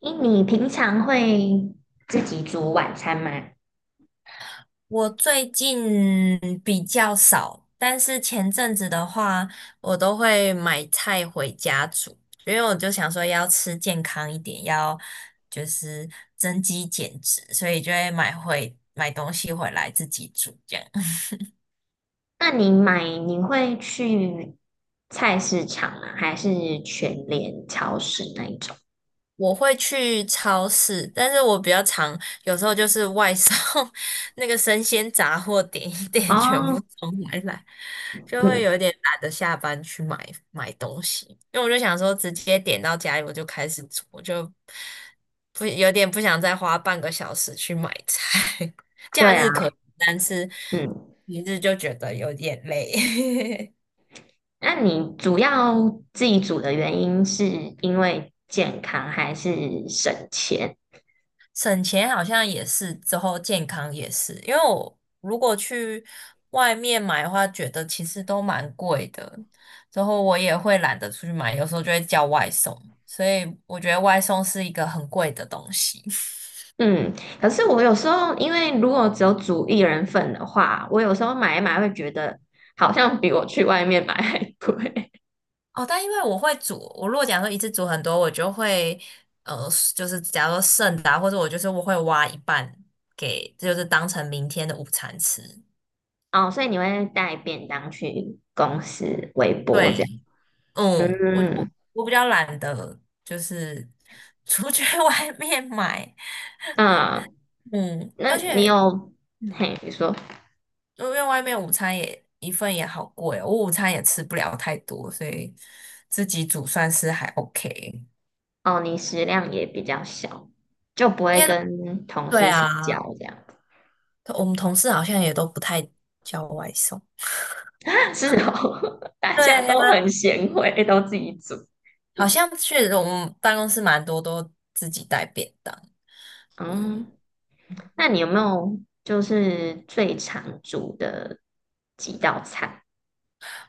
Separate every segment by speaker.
Speaker 1: 诶，你平常会自己煮晚餐吗？
Speaker 2: 我最近比较少，但是前阵子的话，我都会买菜回家煮，因为我就想说要吃健康一点，要就是增肌减脂，所以就会买东西回来自己煮这样。
Speaker 1: 那你买你会去菜市场吗？还是全联超市那一种？
Speaker 2: 我会去超市，但是我比较常有时候就是外送 那个生鲜杂货点一点，全部
Speaker 1: 哦，
Speaker 2: 送回来，就会
Speaker 1: 嗯，
Speaker 2: 有一点懒得下班去买东西，因为我就想说直接点到家里我就开始煮，我就不有点不想再花半个小时去买菜。假
Speaker 1: 对啊，
Speaker 2: 日可以，但是
Speaker 1: 嗯，
Speaker 2: 平日就觉得有点累。
Speaker 1: 那你主要自己煮的原因是因为健康还是省钱？
Speaker 2: 省钱好像也是，之后健康也是，因为我如果去外面买的话，觉得其实都蛮贵的，之后我也会懒得出去买，有时候就会叫外送，所以我觉得外送是一个很贵的东西。
Speaker 1: 嗯，可是我有时候因为如果只有煮一人份的话，我有时候买一买会觉得好像比我去外面买还贵。
Speaker 2: 哦，但因为我会煮，我如果假如说一次煮很多，我就会呃，就是假如说剩的啊或者我就是我会挖一半给，就是当成明天的午餐吃。
Speaker 1: 哦，所以你会带便当去公司微波
Speaker 2: 对，
Speaker 1: 这样？
Speaker 2: 嗯，我
Speaker 1: 嗯
Speaker 2: 我我比较懒得，就是出去 外面买。
Speaker 1: 嗯，
Speaker 2: 嗯，
Speaker 1: 那
Speaker 2: 而
Speaker 1: 你
Speaker 2: 且
Speaker 1: 有，
Speaker 2: 嗯，
Speaker 1: 嘿，你说，
Speaker 2: 因为外面午餐也一份也好贵哦，我午餐也吃不了太多，所以自己煮算是还 OK。
Speaker 1: 哦，你食量也比较小，就不
Speaker 2: 因
Speaker 1: 会
Speaker 2: 为
Speaker 1: 跟同
Speaker 2: 对
Speaker 1: 事一起叫
Speaker 2: 啊，
Speaker 1: 这样。
Speaker 2: 我们同事好像也都不太叫外送。
Speaker 1: 是哦，大
Speaker 2: 对
Speaker 1: 家
Speaker 2: 呀、
Speaker 1: 都很贤惠，都自己煮。
Speaker 2: 好像确实我们办公室蛮多都自己带便当。对，
Speaker 1: 嗯，那你有没有就是最常煮的几道菜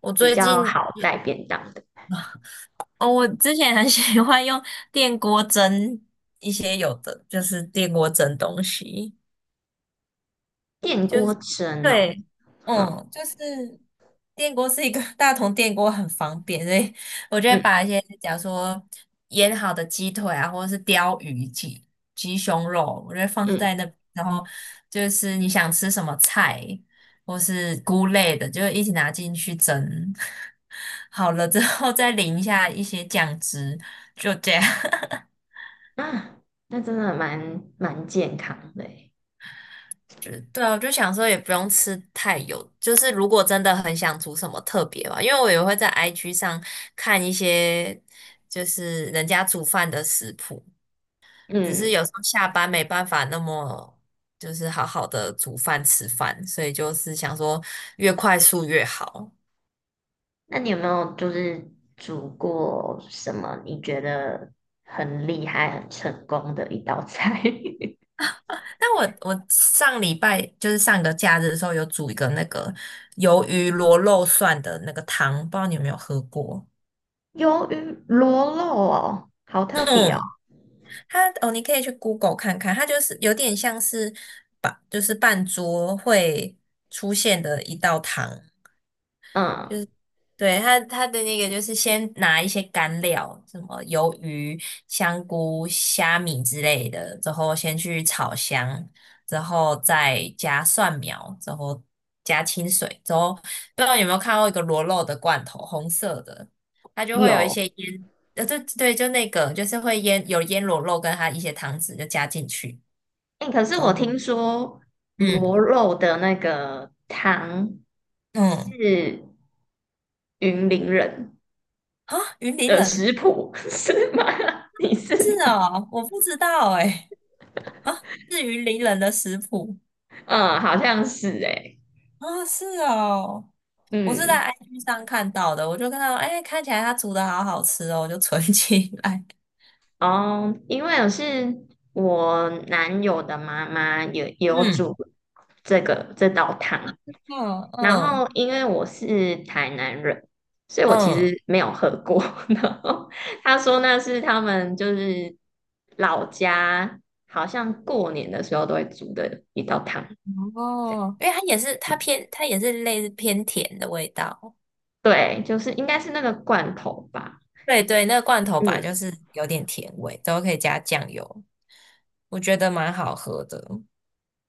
Speaker 2: 我
Speaker 1: 比
Speaker 2: 最
Speaker 1: 较
Speaker 2: 近
Speaker 1: 好带便当的？
Speaker 2: 哦，我之前很 喜欢用电锅蒸一些有的，就是电锅蒸东西。
Speaker 1: 电
Speaker 2: 就
Speaker 1: 锅
Speaker 2: 是
Speaker 1: 蒸哦，
Speaker 2: 对，
Speaker 1: 好，
Speaker 2: 嗯，就是电锅是一个 大同电锅很方便，所以我就会
Speaker 1: 嗯
Speaker 2: 把一些假如说腌好的鸡腿啊，或者是鲷鱼、鸡胸肉，我就会放
Speaker 1: 嗯。
Speaker 2: 在那，然后就是你想吃什么菜或是菇类的，就一起拿进去蒸。好了之后再淋一下一些酱汁，就这样。
Speaker 1: 啊，那真的蛮健康的欸
Speaker 2: 就对啊，我就想说也不用吃太油，就是如果真的很想煮什么特别吧，因为我也会在 IG 上看一些就是人家煮饭的食谱，只是
Speaker 1: 嗯，
Speaker 2: 有时候下班没办法那么就是好好的煮饭吃饭，所以就是想说越快速越好。
Speaker 1: 那你有没有就是煮过什么你觉得很厉害、很成功的一道菜？
Speaker 2: 但我上礼拜就是上个假日的时候有煮一个那个鱿鱼螺肉蒜的那个汤，不知道你有没有喝过？
Speaker 1: 鱿鱼螺肉哦，好特别哦。
Speaker 2: 嗯它哦，你可以去 Google 看看，它就是有点像是把就是半桌会出现的一道汤，
Speaker 1: 嗯，
Speaker 2: 对，它的那个就是先拿一些干料，什么鱿鱼、香菇、虾米之类的，之后先去炒香，之后再加蒜苗，之后加清水，之后不知道有没有看过一个螺肉的罐头，红色的，它就会有一
Speaker 1: 有。
Speaker 2: 些对对，就那个就是会腌螺肉跟它一些汤汁就加进去，
Speaker 1: 哎，可是
Speaker 2: 之
Speaker 1: 我
Speaker 2: 后
Speaker 1: 听说螺
Speaker 2: 嗯
Speaker 1: 肉的那个汤
Speaker 2: 嗯
Speaker 1: 是云林人
Speaker 2: 啊，云林
Speaker 1: 的
Speaker 2: 人
Speaker 1: 食谱，是吗？你是
Speaker 2: 是
Speaker 1: 吗？
Speaker 2: 哦，我不知道哎、啊，是云林人的食谱。
Speaker 1: 嗯，好像是哎。
Speaker 2: 啊，是哦，我是在
Speaker 1: 嗯。
Speaker 2: IG 上看到的，我就看到，哎，看起来它煮的好好吃哦，我就存 起来。
Speaker 1: 哦，因为我是我男友的妈妈有煮
Speaker 2: 嗯，
Speaker 1: 这个这道汤，
Speaker 2: 嗯
Speaker 1: 然后
Speaker 2: 嗯
Speaker 1: 因为我是台南人，所以我其
Speaker 2: 嗯，
Speaker 1: 实没有喝过。然后他说那是他们就是老家好像过年的时候都会煮的一道汤，
Speaker 2: 哦，因为它也是类似偏甜的味道。
Speaker 1: 对，就是应该是那个罐头吧。
Speaker 2: 对对，那个罐头本来就
Speaker 1: 嗯
Speaker 2: 是有点甜味，都可以加酱油，我觉得蛮好喝的。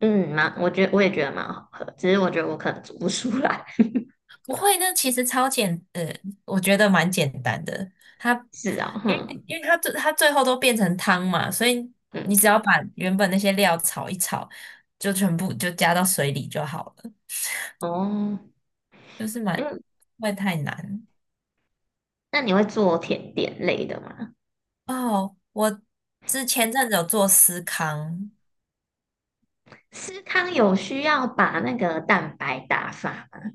Speaker 1: 嗯，蛮，我觉得我也觉得蛮好喝，只是我觉得我可能煮不出来。
Speaker 2: 不会那其实我觉得蛮简单的。它，
Speaker 1: 是啊，
Speaker 2: 因
Speaker 1: 哼、
Speaker 2: 为因为它最后都变成汤嘛，所以
Speaker 1: 嗯，
Speaker 2: 你只要把原本那些料炒一炒，就全部就加到水里就好了，
Speaker 1: 哦。
Speaker 2: 就是蛮不会太难。
Speaker 1: 那你会做甜点类的吗？
Speaker 2: 哦，我之前阵子有做司康，
Speaker 1: 司康有需要把那个蛋白打发吗？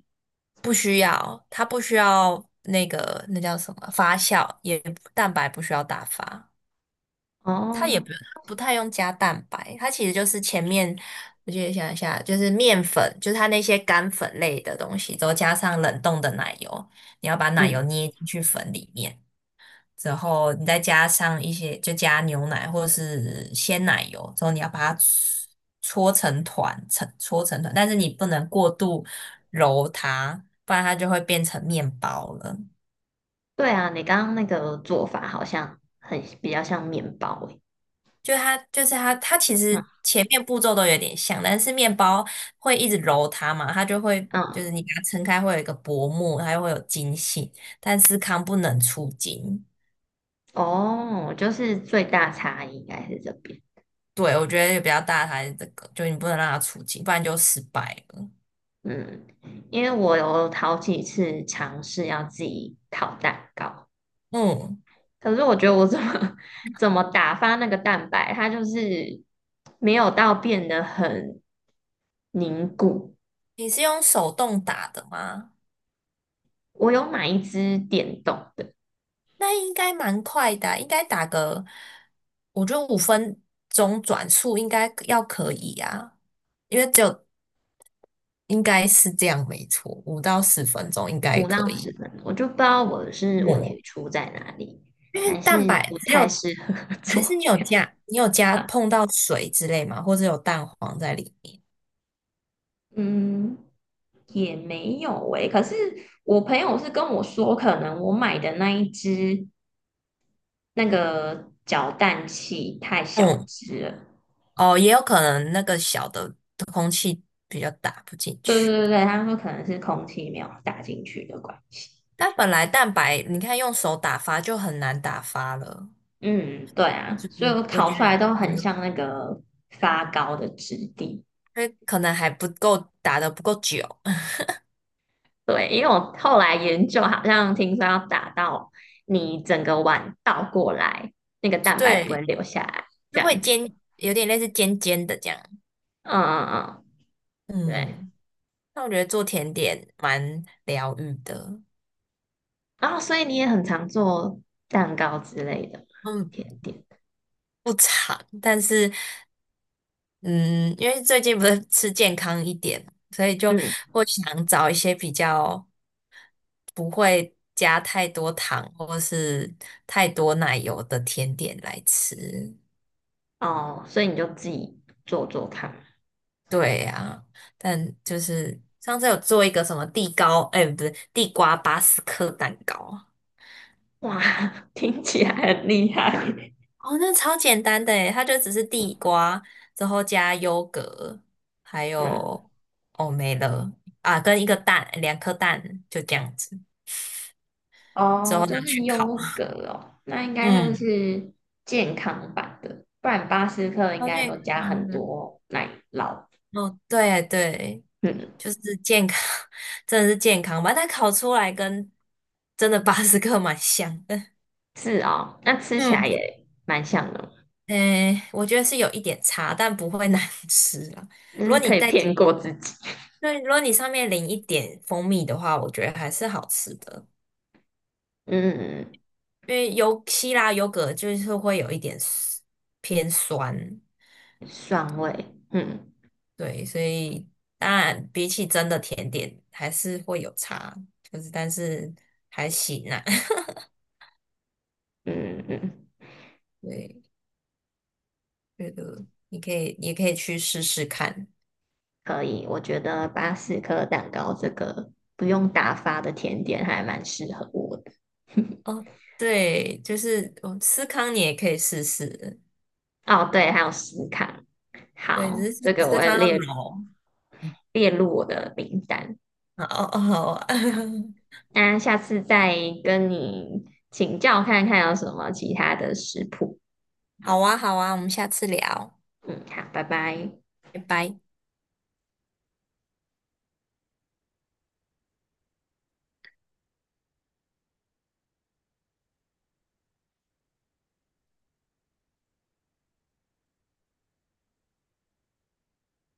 Speaker 2: 不需要，它不需要那个那叫什么发酵，也蛋白不需要打发。它也
Speaker 1: 哦，
Speaker 2: 不太用加蛋白，它其实就是前面我记得想一下，就是面粉，就是它那些干粉类的东西，之后加上冷冻的奶油，你要把奶油
Speaker 1: 嗯，
Speaker 2: 捏进去粉里面，之后你再加上一些，就加牛奶或者是鲜奶油，之后你要把它搓成团，但是你不能过度揉它，不然它就会变成面包了。
Speaker 1: 对啊，你刚刚那个做法好像很比较像面包诶。
Speaker 2: 就它就是它，它其
Speaker 1: 嗯
Speaker 2: 实前面步骤都有点像，但是面包会一直揉它嘛，它就会就是
Speaker 1: 嗯，
Speaker 2: 你把它撑开会有一个薄膜，它又会有筋性，但司康不能出筋。
Speaker 1: 哦，就是最大差异应该是这边。
Speaker 2: 对，我觉得比较大的还是这个，就你不能让它出筋，不然就失败了。
Speaker 1: 嗯，因为我有好几次尝试要自己烤蛋糕，
Speaker 2: 嗯，
Speaker 1: 可是我觉得我怎么 怎么打发那个蛋白，它就是没有到变得很凝固。
Speaker 2: 你是用手动打的吗？
Speaker 1: 我有买一只电动的，
Speaker 2: 那应该蛮快的啊应该打个，我觉得五分钟转速应该要可以啊，因为只有应该是这样，没错，五到十分钟应该
Speaker 1: 五到
Speaker 2: 可
Speaker 1: 十
Speaker 2: 以
Speaker 1: 分钟，我就不知道我是
Speaker 2: 嗯，
Speaker 1: 问题
Speaker 2: 哦
Speaker 1: 出在哪里，
Speaker 2: 因为
Speaker 1: 还是
Speaker 2: 蛋白
Speaker 1: 不
Speaker 2: 只有，
Speaker 1: 太适合
Speaker 2: 还
Speaker 1: 做
Speaker 2: 是你有
Speaker 1: 这样
Speaker 2: 加，你有加
Speaker 1: 啊
Speaker 2: 碰到水之类吗？或者有蛋黄在里面？
Speaker 1: 嗯，也没有诶、可是我朋友是跟我说，可能我买的那一只那个搅蛋器太小
Speaker 2: 嗯，
Speaker 1: 只了。
Speaker 2: 哦，也有可能那个小的空气比较打不进
Speaker 1: 对
Speaker 2: 去。
Speaker 1: 对对对，他说可能是空气没有打进去的关系。
Speaker 2: 但本来蛋白，你看用手打发就很难打发了，
Speaker 1: 嗯，对啊，
Speaker 2: 就是
Speaker 1: 所以我
Speaker 2: 我
Speaker 1: 烤
Speaker 2: 觉
Speaker 1: 出
Speaker 2: 得
Speaker 1: 来都
Speaker 2: 可
Speaker 1: 很
Speaker 2: 能，
Speaker 1: 像那个发糕的质地。
Speaker 2: 因为可能还不够打的不够久，
Speaker 1: 对，因为我后来研究，好像听说要打到你整个碗倒过来，那个蛋白不会
Speaker 2: 对，
Speaker 1: 流下来，这
Speaker 2: 就会
Speaker 1: 样子。
Speaker 2: 尖，有点类似尖尖的这样。
Speaker 1: 嗯嗯嗯，对。
Speaker 2: 嗯。那我觉得做甜点蛮疗愈的，
Speaker 1: 然后所以你也很常做蛋糕之类的
Speaker 2: 嗯，
Speaker 1: 甜点。
Speaker 2: 不长，但是嗯，因为最近不是吃健康一点，所以就
Speaker 1: 嗯，
Speaker 2: 会想找一些比较不会加太多糖或是太多奶油的甜点来吃。
Speaker 1: 哦，所以你就自己做做看。
Speaker 2: 对呀，但就是上次有做一个什么地糕，哎，不是地瓜巴斯克蛋糕，
Speaker 1: 哇，听起来很厉害。
Speaker 2: 哦，那超简单的诶，它就只是地瓜，之后加优格，还
Speaker 1: 嗯，
Speaker 2: 有哦没了啊，跟一个蛋，两颗蛋，就这样子，之
Speaker 1: 哦，
Speaker 2: 后拿
Speaker 1: 就是
Speaker 2: 去烤。
Speaker 1: 优格 哦，那应该就
Speaker 2: 嗯，
Speaker 1: 是健康版的，不然巴斯克应
Speaker 2: 超
Speaker 1: 该
Speaker 2: 健
Speaker 1: 都加
Speaker 2: 康
Speaker 1: 很
Speaker 2: 的。
Speaker 1: 多奶酪。
Speaker 2: 哦，对对，
Speaker 1: 嗯。
Speaker 2: 就是健康，真的是健康吧？但烤出来跟真的 巴斯克蛮像的。
Speaker 1: 是哦，那吃起
Speaker 2: 嗯，
Speaker 1: 来也蛮像的，
Speaker 2: 诶，我觉得是有一点差，但不会难吃了。
Speaker 1: 就
Speaker 2: 如
Speaker 1: 是
Speaker 2: 果你
Speaker 1: 可以
Speaker 2: 再
Speaker 1: 骗过自己。
Speaker 2: 那如果你上面淋一点蜂蜜的话，我觉得还是好吃的，
Speaker 1: 嗯，
Speaker 2: 因为有希腊优格就是会有一点 偏酸，
Speaker 1: 酸味，嗯
Speaker 2: 对，所以当然比起真的甜点还是会有差，就是但是还行啊，
Speaker 1: 嗯嗯，
Speaker 2: 对，觉得你可以也可以去试试看
Speaker 1: 可以。我觉得巴斯克蛋糕这个不用打发的甜点还蛮适合我的。
Speaker 2: 哦，对，就是哦，司康你也可以试试，
Speaker 1: 哦，对，还有司康，
Speaker 2: 对，只
Speaker 1: 好，这
Speaker 2: 是
Speaker 1: 个我
Speaker 2: 司
Speaker 1: 会
Speaker 2: 康要
Speaker 1: 列
Speaker 2: 老，嗯，
Speaker 1: 列入我的名单。
Speaker 2: 好哦，好啊
Speaker 1: 好，那下次再跟你请教看看有什么其他的食谱。
Speaker 2: 好啊，好啊，我们下次聊，
Speaker 1: 嗯，好，拜拜。
Speaker 2: 拜拜。